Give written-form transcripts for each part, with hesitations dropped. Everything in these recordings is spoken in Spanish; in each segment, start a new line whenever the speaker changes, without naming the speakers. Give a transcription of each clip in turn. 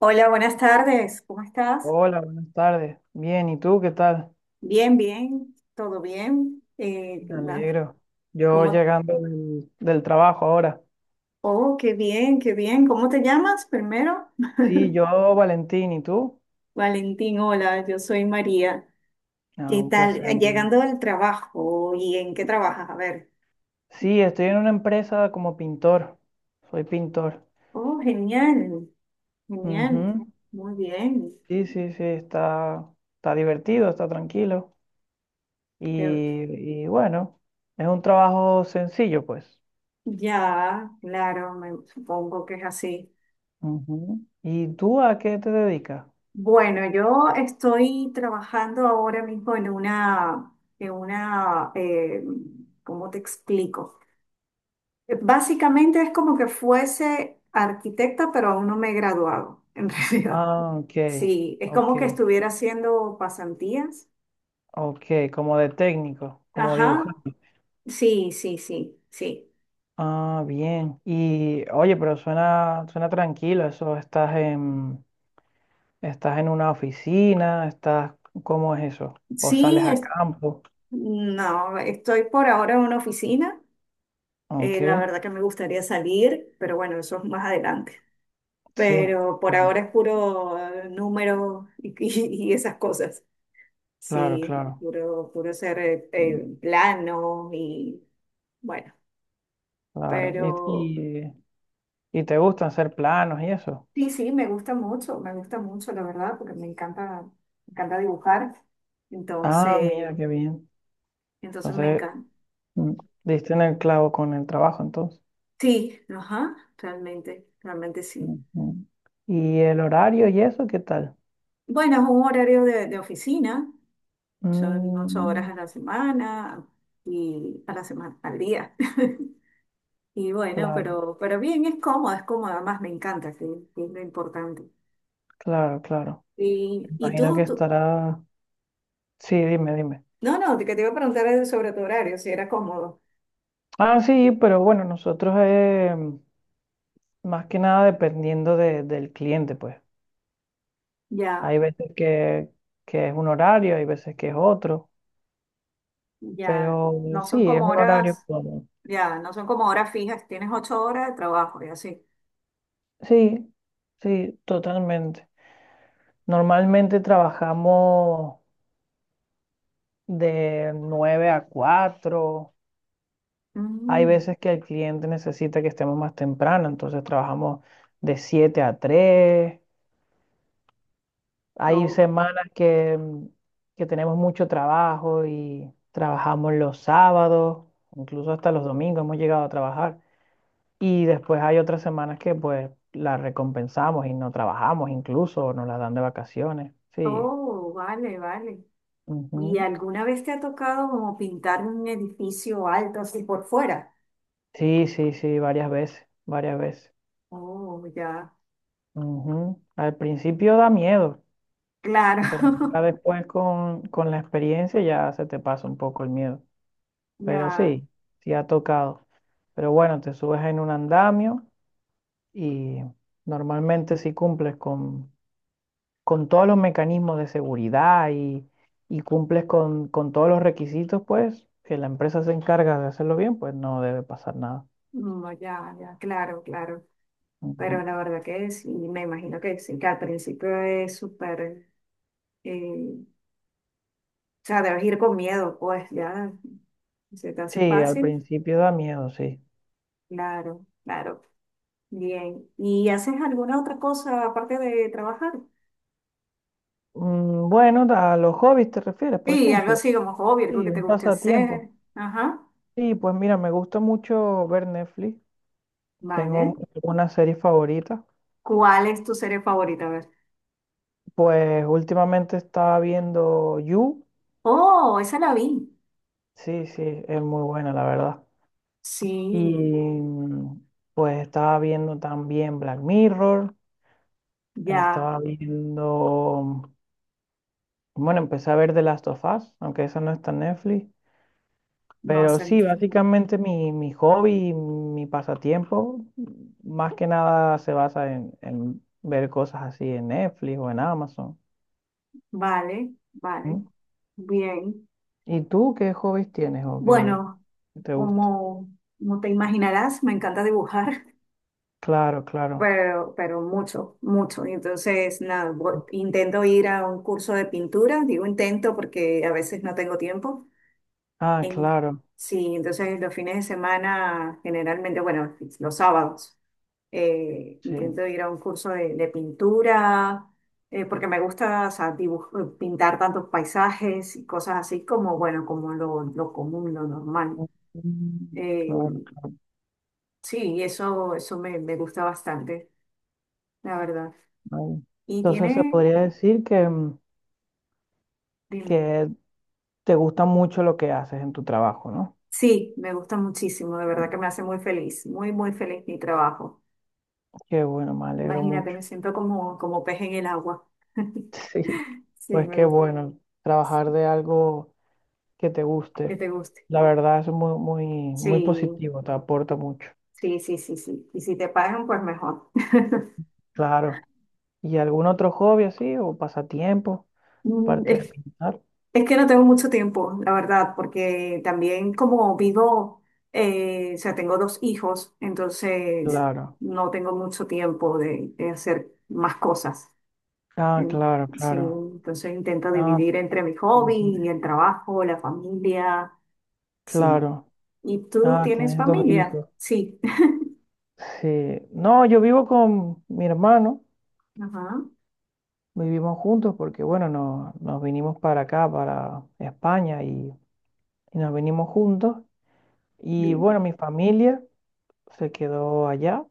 Hola, buenas tardes. ¿Cómo estás?
Hola, buenas tardes. Bien, ¿y tú qué tal?
Bien, bien, todo bien. ¿Qué
Me
más?
alegro. Yo
¿Cómo?
llegando del trabajo ahora.
Oh, qué bien, qué bien. ¿Cómo te llamas primero?
Sí, yo, Valentín, ¿y tú?
Valentín, hola, yo soy María.
Ah,
¿Qué
un
tal?
placer. En verdad.
Llegando del trabajo, ¿y en qué trabajas? A ver.
Sí, estoy en una empresa como pintor. Soy pintor.
Oh, genial, genial.
Ujú.
Muy bien.
Sí, sí, sí, está, está divertido, está tranquilo.
Te-
Y bueno, es un trabajo sencillo, pues.
Ya, claro, me supongo que es así.
Ujú. ¿Y tú a qué te dedicas?
Bueno, yo estoy trabajando ahora mismo en una, ¿cómo te explico? Básicamente es como que fuese arquitecta, pero aún no me he graduado, en realidad.
Ah, ok,
Sí, es
ok,
como que estuviera haciendo pasantías.
ok, como de técnico, como
Ajá,
dibujar.
sí, sí.
Ah, bien. Y oye, pero suena, suena tranquilo eso. ¿Estás en, estás en una oficina? ¿Estás, cómo es eso? ¿O
Sí,
sales a
es-
campo?
no, estoy por ahora en una oficina.
Ok,
La verdad que me gustaría salir, pero bueno, eso es más adelante.
sí.
Pero por
Claro,
ahora es puro número y esas cosas.
claro,
Sí,
claro.
puro, puro ser
Mm,
plano y bueno,
claro.
pero
¿Y, y, y te gusta hacer planos y eso?
sí, sí, me gusta mucho, la verdad, porque me encanta dibujar.
Ah,
Entonces,
mira, qué bien.
entonces me
Entonces,
encanta.
mm, diste en el clavo con el trabajo, entonces.
Sí, ajá, realmente, realmente sí.
Ujú. ¿Y el horario y eso, qué tal?
Bueno, es un horario de oficina, son 8 horas
Mm,
a la semana al día. Y bueno,
claro,
pero bien, es cómodo, además me encanta, sí, sí, es lo importante.
claro, claro.
Y, y
Imagino
tú,
que
tú,
estará. Sí, dime, dime.
no, no, que te iba a preguntar es sobre tu horario, si era cómodo.
Ah, sí, pero bueno, nosotros más que nada dependiendo del cliente, pues. Hay
Ya,
veces que es un horario, hay veces que es otro,
ya,
pero
no son
sí, es
como
un horario
horas,
cómodo.
ya, no son como horas fijas, tienes ocho horas de trabajo y así.
Sí, sí, totalmente. Normalmente trabajamos de 9 a 4. Hay
Mm,
veces que el cliente necesita que estemos más temprano, entonces trabajamos de 7 a 3. Hay
oh,
semanas que, que tenemos mucho trabajo y trabajamos los sábados, incluso hasta los domingos hemos llegado a trabajar. Y después hay otras semanas que pues las recompensamos y no trabajamos incluso, o nos las dan de vacaciones. Sí.
oh, vale, vale. ¿Y
Ujú.
alguna vez te ha tocado como pintar un edificio alto así por fuera?
Sí, sí, sí, varias veces, varias veces.
Oh, ya,
Ujú. Al principio da miedo,
claro,
pero ya después con la experiencia ya se te pasa un poco el miedo. Pero
ya,
sí, sí ha tocado. Pero bueno, te subes en un andamio y normalmente si cumples con todos los mecanismos de seguridad y cumples con todos los requisitos, pues que la empresa se encarga de hacerlo bien, pues no debe pasar nada.
no, ya, ya, claro, claro. Pero
Ujú.
la verdad que sí, me imagino que sí, que al principio es o sea, debes ir con miedo, pues ya se te hace
Sí, al
fácil.
principio da miedo, sí.
Claro, claro. Bien. ¿Y haces alguna otra cosa aparte de trabajar?
Mm, bueno, a los hobbies te refieres, por
Sí, algo
ejemplo.
así como hobby,
Sí,
algo que te
un
guste
pasatiempo.
hacer. Ajá.
Sí, pues mira, me gusta mucho ver Netflix.
Vale.
Tengo una serie favorita.
¿Cuál es tu serie favorita? A ver.
Pues últimamente estaba viendo You.
Oh, esa la vi.
Sí, sí, es muy buena, la verdad.
Sí,
Y pues estaba viendo también Black Mirror.
ya.
Estaba viendo. Bueno, empecé a ver The Last of Us, aunque eso no está en Netflix.
No,
Pero
esa no.
sí, básicamente mi, mi hobby, mi pasatiempo, más que nada se basa en ver cosas así en Netflix o en Amazon.
Vale, vale.
¿Mm?
Bien.
¿Y tú qué hobbies tienes o qué
Bueno.
te gusta?
Como, como te imaginarás, me encanta dibujar,
Claro, claro.
pero mucho, mucho. Y entonces, nada, intento ir a un curso de pintura, digo intento porque a veces no tengo tiempo.
Ah,
En-
claro,
sí, entonces los fines de semana, generalmente, bueno, los sábados,
sí.
intento ir a un curso de pintura, porque me gusta, o sea, pintar tantos paisajes y cosas así como, bueno, como lo común, lo normal.
Mm,
Eh,
claro, claro.
Sí, eso me, me gusta bastante, la verdad.
Ay.
Y
Entonces se
tiene,
podría decir que,
dime,
que te gusta mucho lo que haces en tu trabajo, ¿no?
sí, me gusta muchísimo, de verdad que me hace muy feliz, muy, muy feliz mi trabajo.
Qué bueno, me alegro
Imagínate,
mucho.
me siento como, como pez en el agua.
Sí,
Sí,
pues
me
qué
gusta,
bueno trabajar de algo que te
que
guste.
te guste.
La verdad es muy, muy, muy
Sí,
positivo, te aporta mucho.
sí, sí, sí, sí. Y si te pagan, pues mejor.
Claro. ¿Y algún otro hobby así o pasatiempo,
Mm,
aparte de
es-
pintar?
Es que no tengo mucho tiempo, la verdad, porque también como vivo, o sea, tengo dos hijos, entonces
Claro.
no tengo mucho tiempo de hacer más cosas.
Ah,
En-
claro,
Sí,
claro.
entonces intento
Ah,
dividir entre mi hobby
ujú.
y el trabajo, la familia, sí.
Claro.
¿Y tú
Ah,
tienes
tienes dos
familia?
hijos.
Sí.
Sí. No, yo vivo con mi hermano,
Ajá,
vivimos juntos porque, bueno, nos, nos vinimos para acá, para España, y nos vinimos juntos. Y bueno,
bien,
mi familia se quedó allá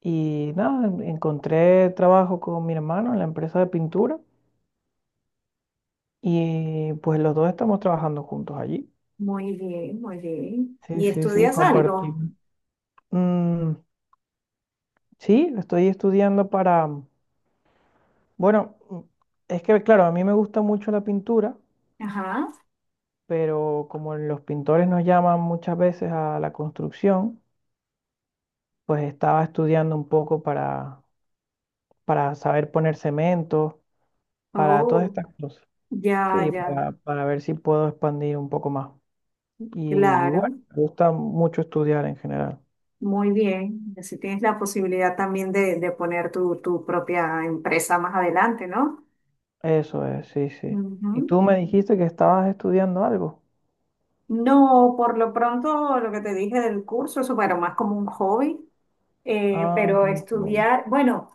y nada, encontré trabajo con mi hermano en la empresa de pintura y pues los dos estamos trabajando juntos allí.
muy bien, muy bien.
Sí,
¿Y
sí, sí,
estudias algo?
compartimos. Mm, sí, estoy estudiando para, bueno, es que claro, a mí me gusta mucho la pintura
Ajá.
pero como los pintores nos llaman muchas veces a la construcción, pues estaba estudiando un poco para saber poner cemento, para todas
Oh,
estas cosas.
ya,
Sí,
ya,
para ver si puedo expandir un poco más. Y, y
claro.
bueno, me gusta mucho estudiar en general.
Muy bien, y así tienes la posibilidad también de poner tu propia empresa más adelante, ¿no?
Eso es, sí, sí.
Ujú.
Y tú me dijiste que estabas estudiando algo.
No, por lo pronto lo que te dije del curso, eso bueno, más como un hobby,
Ah,
pero
como joven.
estudiar, bueno,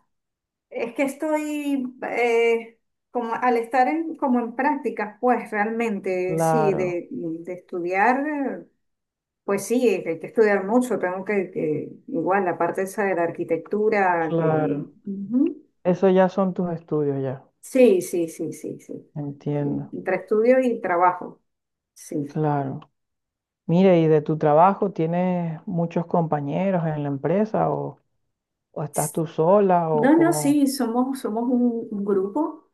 es que estoy como al estar en, como en prácticas, pues realmente sí,
Claro,
de estudiar, pues sí, hay que estudiar mucho, tengo que igual la parte esa de la arquitectura que...
claro.
ujú.
Eso ya son tus estudios ya.
Sí, sí, sí, sí, sí. Sí,
Entiendo.
entre estudio y trabajo. Sí.
Claro. Mire, ¿y de tu trabajo tienes muchos compañeros en la empresa o estás tú sola o
No, no,
cómo?
sí, somos, somos un grupo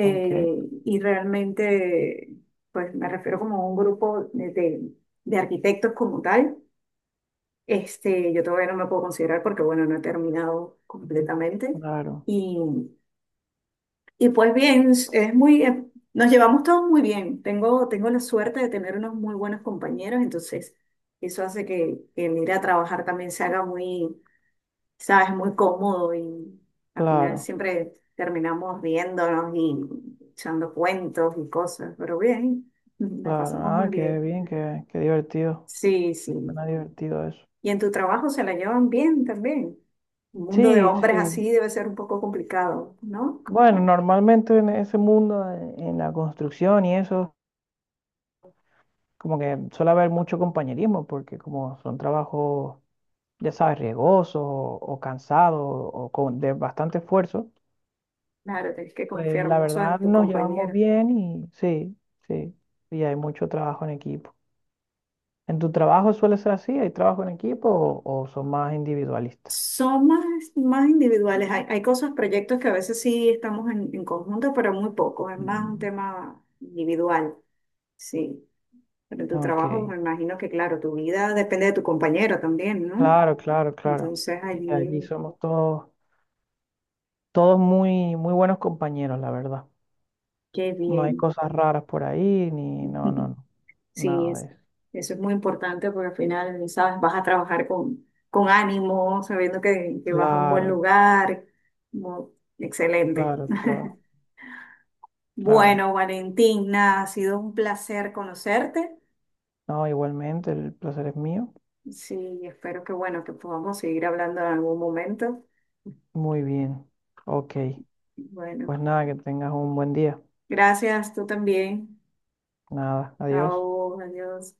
Aunque,
y realmente, pues me refiero como a un grupo de arquitectos como tal. Este, yo todavía no me puedo considerar porque, bueno, no he terminado completamente.
claro,
Y y pues bien, es muy, nos llevamos todos muy bien. Tengo, tengo la suerte de tener unos muy buenos compañeros, entonces eso hace que el ir a trabajar también se haga muy, sabes, muy cómodo y al final
claro,
siempre terminamos riéndonos y echando cuentos y cosas, pero bien, nos
claro.
pasamos
Ah,
muy
qué
bien.
bien, qué, qué divertido.
Sí, sí.
Suena divertido eso.
Y en tu trabajo se la llevan bien también. Un mundo de
Sí,
hombres
sí.
así debe ser un poco complicado, ¿no?
Bueno, normalmente en ese mundo, en la construcción y eso, como que suele haber mucho compañerismo porque como son trabajos, ya sabes, riesgosos o cansados o con, de bastante esfuerzo.
Claro, tienes que
Pues
confiar
la
mucho
verdad
en tu
nos llevamos
compañero.
bien y sí, sí, y hay mucho trabajo en equipo. ¿En tu trabajo suele ser así? ¿Hay trabajo en equipo o son más individualistas?
Son más, más individuales. Hay cosas, proyectos que a veces sí estamos en conjunto, pero muy poco. Es más un
Mm.
tema individual, sí. Pero en tu
Ok,
trabajo, me imagino que, claro, tu vida depende de tu compañero también, ¿no?
claro, claro, claro.
Entonces,
Sí, allí
allí,
somos todos, todos muy, muy buenos compañeros, la verdad.
qué
No hay
bien.
cosas raras por ahí, ni no, no, no,
Sí,
nada de
es,
eso.
eso es muy importante porque al final, sabes, vas a trabajar con ánimo, sabiendo que vas a un buen
Claro,
lugar. Mu- Excelente.
claro, claro, claro.
Bueno, Valentina, ha sido un placer conocerte.
No, igualmente, el placer es mío.
Sí, y espero que bueno, que podamos seguir hablando en algún momento.
Muy bien. Ok,
Bueno,
pues nada, que tengas un buen día.
gracias, tú también.
Nada, adiós.
Chao, adiós.